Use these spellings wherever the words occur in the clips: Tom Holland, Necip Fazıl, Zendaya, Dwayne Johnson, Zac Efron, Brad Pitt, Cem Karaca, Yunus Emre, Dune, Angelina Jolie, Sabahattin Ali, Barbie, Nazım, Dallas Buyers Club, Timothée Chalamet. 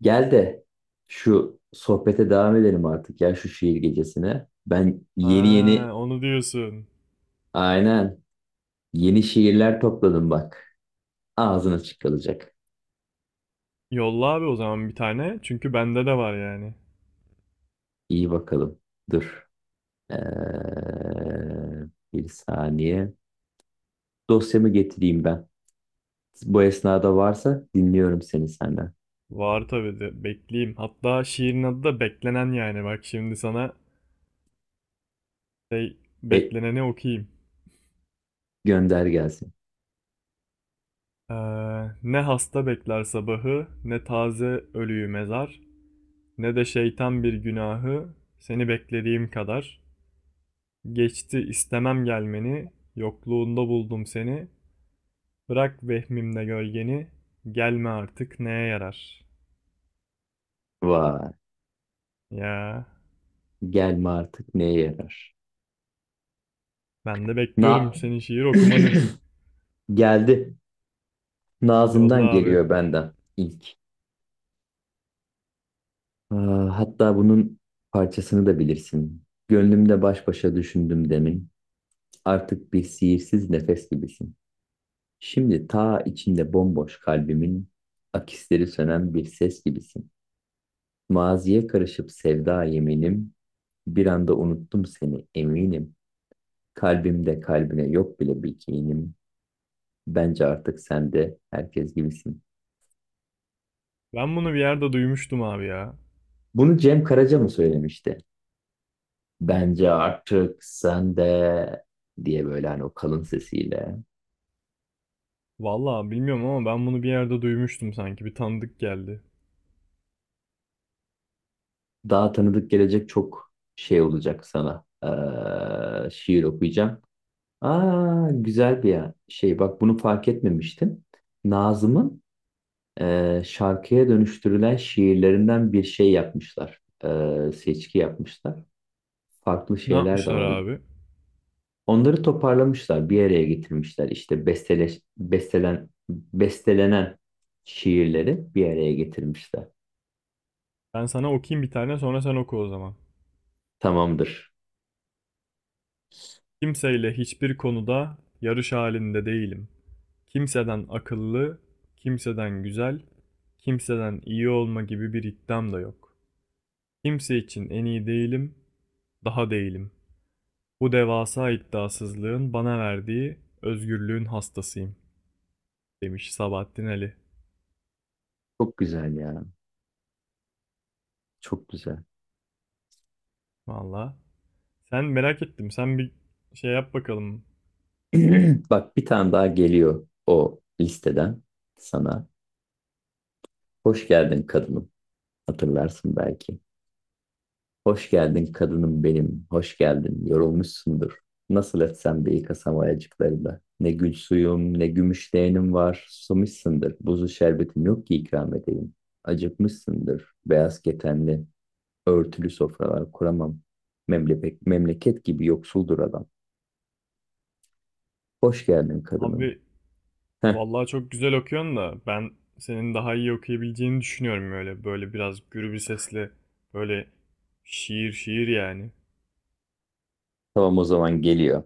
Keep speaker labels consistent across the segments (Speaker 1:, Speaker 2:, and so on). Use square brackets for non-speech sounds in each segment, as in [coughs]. Speaker 1: Gel de şu sohbete devam edelim artık ya, şu şiir gecesine. Ben yeni yeni,
Speaker 2: Ha, onu diyorsun.
Speaker 1: aynen, yeni şiirler topladım bak. Ağzın açık kalacak.
Speaker 2: Yolla abi o zaman bir tane. Çünkü bende de var yani.
Speaker 1: İyi bakalım. Dur. Ee, bir saniye. Dosyamı getireyim ben. Bu esnada varsa dinliyorum seni senden.
Speaker 2: Var tabii de bekleyeyim. Hatta şiirin adı da beklenen yani. Bak şimdi sana şey
Speaker 1: Ve
Speaker 2: bekleneni okuyayım.
Speaker 1: gönder gelsin.
Speaker 2: Ee, Ne hasta bekler sabahı, ne taze ölüyü mezar, ne de şeytan bir günahı seni beklediğim kadar. Geçti istemem gelmeni, yokluğunda buldum seni, bırak vehmimde gölgeni, gelme artık neye yarar?
Speaker 1: Vay.
Speaker 2: Ya,
Speaker 1: Gelme artık neye yarar?
Speaker 2: ben de
Speaker 1: Na
Speaker 2: bekliyorum senin şiir
Speaker 1: [coughs]
Speaker 2: okumanı.
Speaker 1: [clears throat] Geldi.
Speaker 2: Yolla
Speaker 1: Nazım'dan
Speaker 2: abi.
Speaker 1: geliyor benden ilk. Aa, hatta bunun parçasını da bilirsin. Gönlümde baş başa düşündüm demin. Artık bir sihirsiz nefes gibisin. Şimdi ta içinde bomboş kalbimin akisleri sönen bir ses gibisin. Maziye karışıp sevda yeminim. Bir anda unuttum seni eminim. Kalbimde kalbine yok bile bir kinim. Bence artık sen de herkes gibisin.
Speaker 2: Ben bunu bir yerde duymuştum abi ya.
Speaker 1: Bunu Cem Karaca mı söylemişti? Bence artık sen de diye, böyle hani o kalın sesiyle.
Speaker 2: Vallahi bilmiyorum ama ben bunu bir yerde duymuştum sanki. Bir tanıdık geldi.
Speaker 1: Daha tanıdık gelecek, çok şey olacak sana. Şiir okuyacağım. Aa, güzel bir şey. Bak bunu fark etmemiştim. Nazım'ın şarkıya dönüştürülen şiirlerinden bir şey yapmışlar. Seçki yapmışlar. Farklı
Speaker 2: Ne
Speaker 1: şeyler de
Speaker 2: yapmışlar
Speaker 1: var.
Speaker 2: abi?
Speaker 1: Onları toparlamışlar, bir araya getirmişler. İşte bestelenen şiirleri bir araya getirmişler.
Speaker 2: Ben sana okuyayım bir tane, sonra sen oku o zaman.
Speaker 1: Tamamdır.
Speaker 2: Kimseyle hiçbir konuda yarış halinde değilim. Kimseden akıllı, kimseden güzel, kimseden iyi olma gibi bir iddiam da yok. Kimse için en iyi değilim, daha değilim. Bu devasa iddiasızlığın bana verdiği özgürlüğün hastasıyım, demiş Sabahattin Ali.
Speaker 1: Çok güzel ya. Çok güzel.
Speaker 2: Valla. Sen merak ettim. Sen bir şey yap bakalım.
Speaker 1: [clears throat] Bak bir tane daha geliyor o listeden sana. Hoş geldin kadınım. Hatırlarsın belki. Hoş geldin kadınım benim. Hoş geldin. Yorulmuşsundur. Nasıl etsem de yıkasam ayacıklarında. Ne gül suyum ne gümüş leğenim var. Susamışsındır. Buzlu şerbetim yok ki ikram edeyim. Acıkmışsındır. Beyaz ketenli örtülü sofralar kuramam. Memleket, memleket gibi yoksuldur adam. Hoş geldin kadınım.
Speaker 2: Abi,
Speaker 1: Heh,
Speaker 2: vallahi çok güzel okuyorsun da ben senin daha iyi okuyabileceğini düşünüyorum öyle. Böyle biraz gürü bir sesle böyle şiir şiir yani.
Speaker 1: tamam, o zaman geliyor.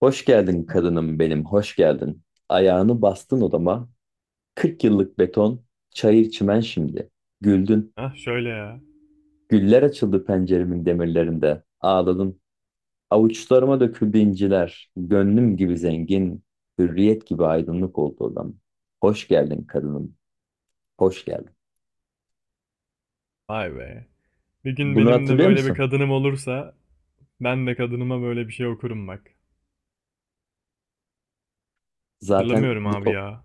Speaker 1: Hoş geldin kadınım benim, hoş geldin. Ayağını bastın odama, kırk yıllık beton, çayır çimen şimdi. Güldün,
Speaker 2: Hah şöyle ya.
Speaker 1: güller açıldı penceremin demirlerinde. Ağladın, avuçlarıma döküldü inciler. Gönlüm gibi zengin, hürriyet gibi aydınlık oldu odam. Hoş geldin kadınım, hoş geldin.
Speaker 2: Vay be. Bir gün
Speaker 1: Bunu
Speaker 2: benim de
Speaker 1: hatırlıyor
Speaker 2: böyle bir
Speaker 1: musun?
Speaker 2: kadınım olursa ben de kadınıma böyle bir şey okurum bak.
Speaker 1: Zaten
Speaker 2: Hatırlamıyorum abi
Speaker 1: bunu,
Speaker 2: ya.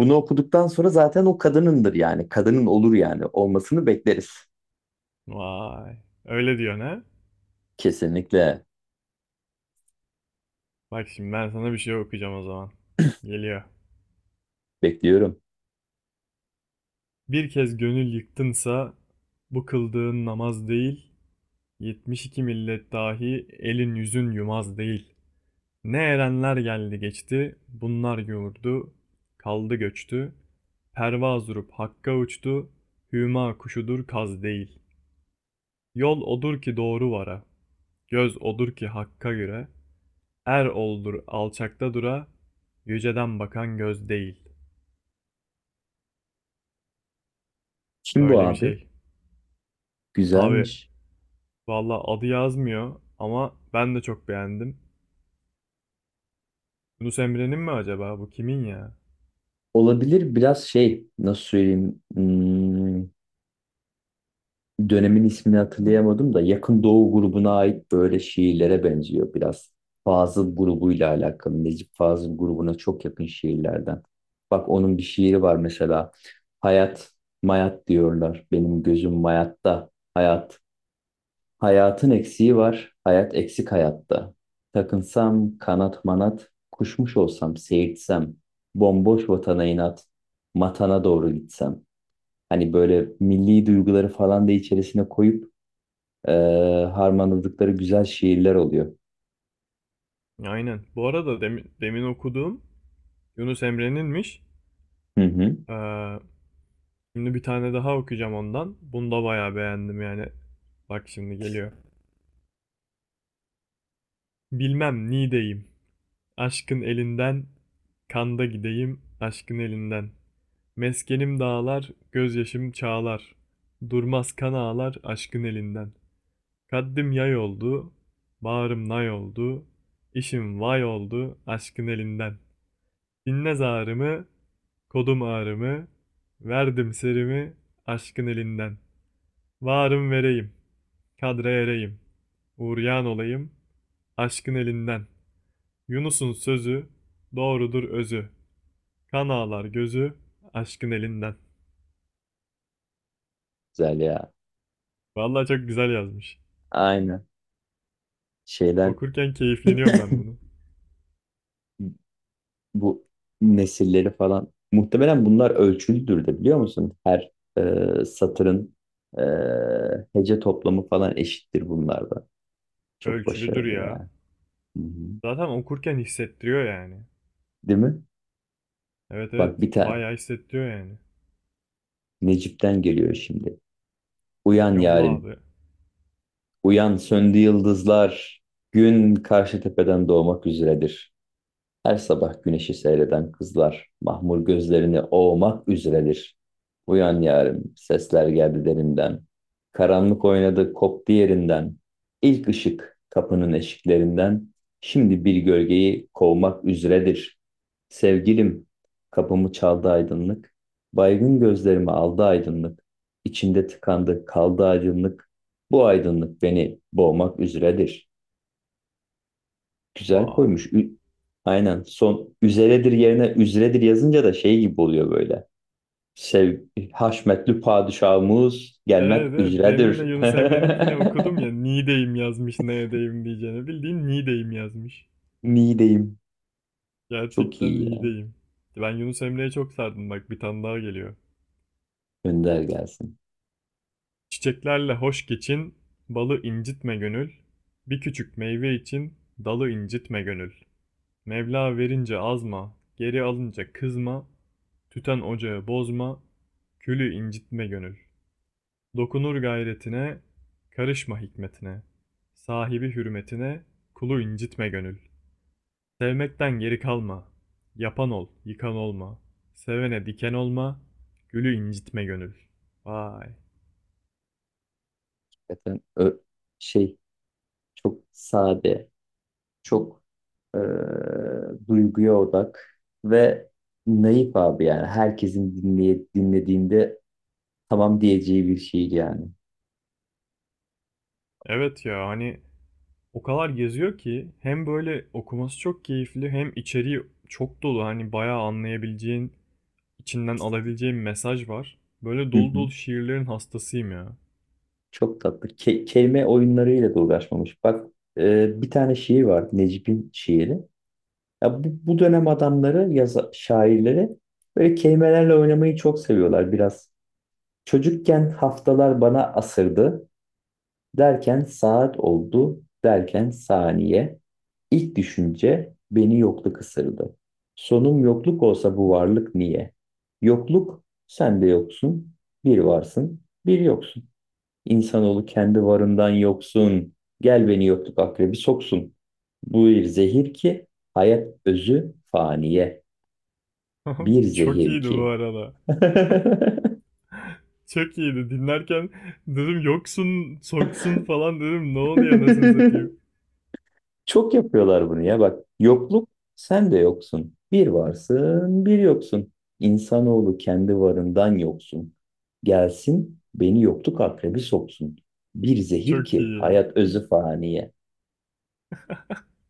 Speaker 1: bunu okuduktan sonra zaten o kadınındır yani. Kadının olur yani. Olmasını bekleriz.
Speaker 2: Vay. Öyle diyor ne?
Speaker 1: Kesinlikle
Speaker 2: Bak şimdi ben sana bir şey okuyacağım o zaman. Geliyor.
Speaker 1: bekliyorum.
Speaker 2: Bir kez gönül yıktınsa bu kıldığın namaz değil, yetmiş iki millet dahi elin yüzün yumaz değil. Ne erenler geldi geçti, bunlar yoğurdu, kaldı göçtü. Pervaz durup hakka uçtu, hüma kuşudur kaz değil. Yol odur ki doğru vara, göz odur ki hakka göre. Er oldur alçakta dura, yüceden bakan göz değil.
Speaker 1: Kim bu
Speaker 2: Böyle bir
Speaker 1: abi?
Speaker 2: şey. Abi,
Speaker 1: Güzelmiş.
Speaker 2: valla adı yazmıyor ama ben de çok beğendim. Yunus Emre'nin mi acaba? Bu kimin ya?
Speaker 1: Olabilir, biraz şey, nasıl söyleyeyim, dönemin ismini hatırlayamadım da Yakın Doğu grubuna ait böyle şiirlere benziyor biraz. Fazıl grubuyla alakalı, Necip Fazıl grubuna çok yakın şiirlerden. Bak onun bir şiiri var mesela. Hayat mayat diyorlar, benim gözüm mayatta hayat. Hayatın eksiği var, hayat eksik hayatta. Takınsam kanat manat, kuşmuş olsam seyirtsem bomboş vatana inat matana doğru gitsem. Hani böyle milli duyguları falan da içerisine koyup e, harmanladıkları güzel şiirler oluyor.
Speaker 2: Aynen. Bu arada demin okuduğum Yunus Emre'ninmiş.
Speaker 1: Hı hı.
Speaker 2: Ee, Şimdi bir tane daha okuyacağım ondan. Bunu da bayağı beğendim yani. Bak şimdi geliyor. Bilmem nideyim. Aşkın elinden kanda gideyim aşkın elinden. Meskenim dağlar, gözyaşım çağlar. Durmaz kan ağlar aşkın elinden. Kaddim yay oldu, bağrım nay oldu, işim vay oldu aşkın elinden. Dinle zarımı, kodum ağrımı, verdim serimi aşkın elinden. Varım vereyim, kadre ereyim, uğrayan olayım aşkın elinden. Yunus'un sözü, doğrudur özü, kan ağlar gözü aşkın elinden.
Speaker 1: Güzel ya.
Speaker 2: Vallahi çok güzel yazmış.
Speaker 1: Aynen. Şeyler,
Speaker 2: Okurken keyifleniyorum ben bunu.
Speaker 1: bu nesilleri falan. Muhtemelen bunlar ölçülüdür de, biliyor musun? Her satırın e, hece toplamı falan eşittir bunlarda. Çok
Speaker 2: Ölçülüdür
Speaker 1: başarılı
Speaker 2: ya.
Speaker 1: ya. Hı hı.
Speaker 2: Zaten okurken hissettiriyor yani.
Speaker 1: Değil mi?
Speaker 2: Evet
Speaker 1: Bak
Speaker 2: evet,
Speaker 1: bir tane
Speaker 2: bayağı hissettiriyor yani.
Speaker 1: Necip'ten geliyor şimdi. Uyan
Speaker 2: Yolla
Speaker 1: yarim.
Speaker 2: abi.
Speaker 1: Uyan, söndü yıldızlar, gün karşı tepeden doğmak üzeredir. Her sabah güneşi seyreden kızlar mahmur gözlerini ovmak üzeredir. Uyan yarim, sesler geldi derinden. Karanlık oynadı, koptu yerinden. İlk ışık kapının eşiklerinden. Şimdi bir gölgeyi kovmak üzeredir. Sevgilim, kapımı çaldı aydınlık. Baygın gözlerimi aldı aydınlık. İçimde tıkandı, kaldı aydınlık. Bu aydınlık beni boğmak üzeredir. Güzel
Speaker 2: Vay.
Speaker 1: koymuş. Aynen. Son üzeredir yerine üzredir yazınca da şey gibi oluyor böyle. Sev Haşmetli padişahımız gelmek
Speaker 2: Evet evet, demin
Speaker 1: üzeredir.
Speaker 2: de Yunus Emre'ninkini okudum ya, Niğdeyim yazmış neredeyim diyeceğine. Bildiğin Niğdeyim yazmış.
Speaker 1: [laughs] Niğdeyim. Çok
Speaker 2: Gerçekten
Speaker 1: iyi yani.
Speaker 2: Niğdeyim. Ben Yunus Emre'ye çok sardım, bak bir tane daha geliyor.
Speaker 1: Önder gelsin.
Speaker 2: Çiçeklerle hoş geçin, balı incitme gönül. Bir küçük meyve için dalı incitme gönül. Mevla verince azma, geri alınca kızma. Tüten ocağı bozma, külü incitme gönül. Dokunur gayretine, karışma hikmetine. Sahibi hürmetine, kulu incitme gönül. Sevmekten geri kalma. Yapan ol, yıkan olma. Sevene diken olma, gülü incitme gönül. Vay.
Speaker 1: Zaten şey, çok sade, çok eee, duyguya odak ve naif abi yani. Herkesin dinlediğinde tamam diyeceği bir şey yani.
Speaker 2: Evet ya, hani o kadar geziyor ki hem böyle okuması çok keyifli hem içeriği çok dolu. Hani bayağı anlayabileceğin, içinden alabileceğin mesaj var. Böyle dolu dolu
Speaker 1: [laughs]
Speaker 2: şiirlerin hastasıyım ya.
Speaker 1: Çok tatlı. Kelime oyunlarıyla da uğraşmamış. Bak bir tane şiir var. Necip'in şiiri. Ya bu dönem adamları, şairleri böyle kelimelerle oynamayı çok seviyorlar biraz. Çocukken haftalar bana asırdı. Derken saat oldu. Derken saniye. İlk düşünce beni yokluk ısırdı. Sonum yokluk olsa bu varlık niye? Yokluk sen de yoksun. Bir varsın, bir yoksun. İnsanoğlu kendi varından yoksun. Gel beni yokluk akrebi soksun. Bu bir zehir ki hayat özü faniye. Bir
Speaker 2: [laughs] Çok
Speaker 1: zehir
Speaker 2: iyiydi bu
Speaker 1: ki.
Speaker 2: arada.
Speaker 1: [laughs]
Speaker 2: Çok iyiydi. Dinlerken dedim yoksun, soksun falan dedim. Ne oluyor anasını satayım.
Speaker 1: Çok yapıyorlar bunu ya, bak. Yokluk sen de yoksun. Bir varsın, bir yoksun. İnsanoğlu kendi varından yoksun. Gelsin beni yokluk akrebi soksun. Bir zehir
Speaker 2: Çok
Speaker 1: ki
Speaker 2: iyi.
Speaker 1: hayat özü faniye.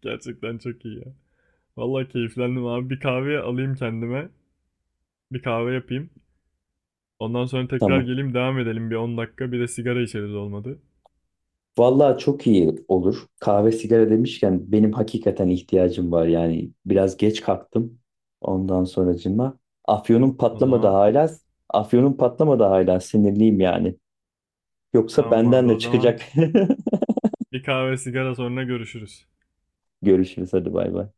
Speaker 2: Gerçekten çok iyi ya. Vallahi keyiflendim abi. Bir kahve alayım kendime. Bir kahve yapayım. Ondan sonra tekrar
Speaker 1: Tamam.
Speaker 2: geleyim, devam edelim bir 10 dakika. Bir de sigara içeriz olmadı.
Speaker 1: Vallahi çok iyi olur. Kahve sigara demişken benim hakikaten ihtiyacım var. Yani biraz geç kalktım. Ondan sonracıma. Afyonum
Speaker 2: O
Speaker 1: patlamadı
Speaker 2: zaman
Speaker 1: hala. Afyonum patlamadı hala. Sinirliyim yani. Yoksa
Speaker 2: tamam
Speaker 1: benden
Speaker 2: abi.
Speaker 1: de
Speaker 2: O zaman
Speaker 1: çıkacak.
Speaker 2: bir kahve sigara, sonra görüşürüz.
Speaker 1: [laughs] Görüşürüz, hadi bay bay.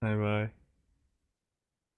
Speaker 2: Bay bay.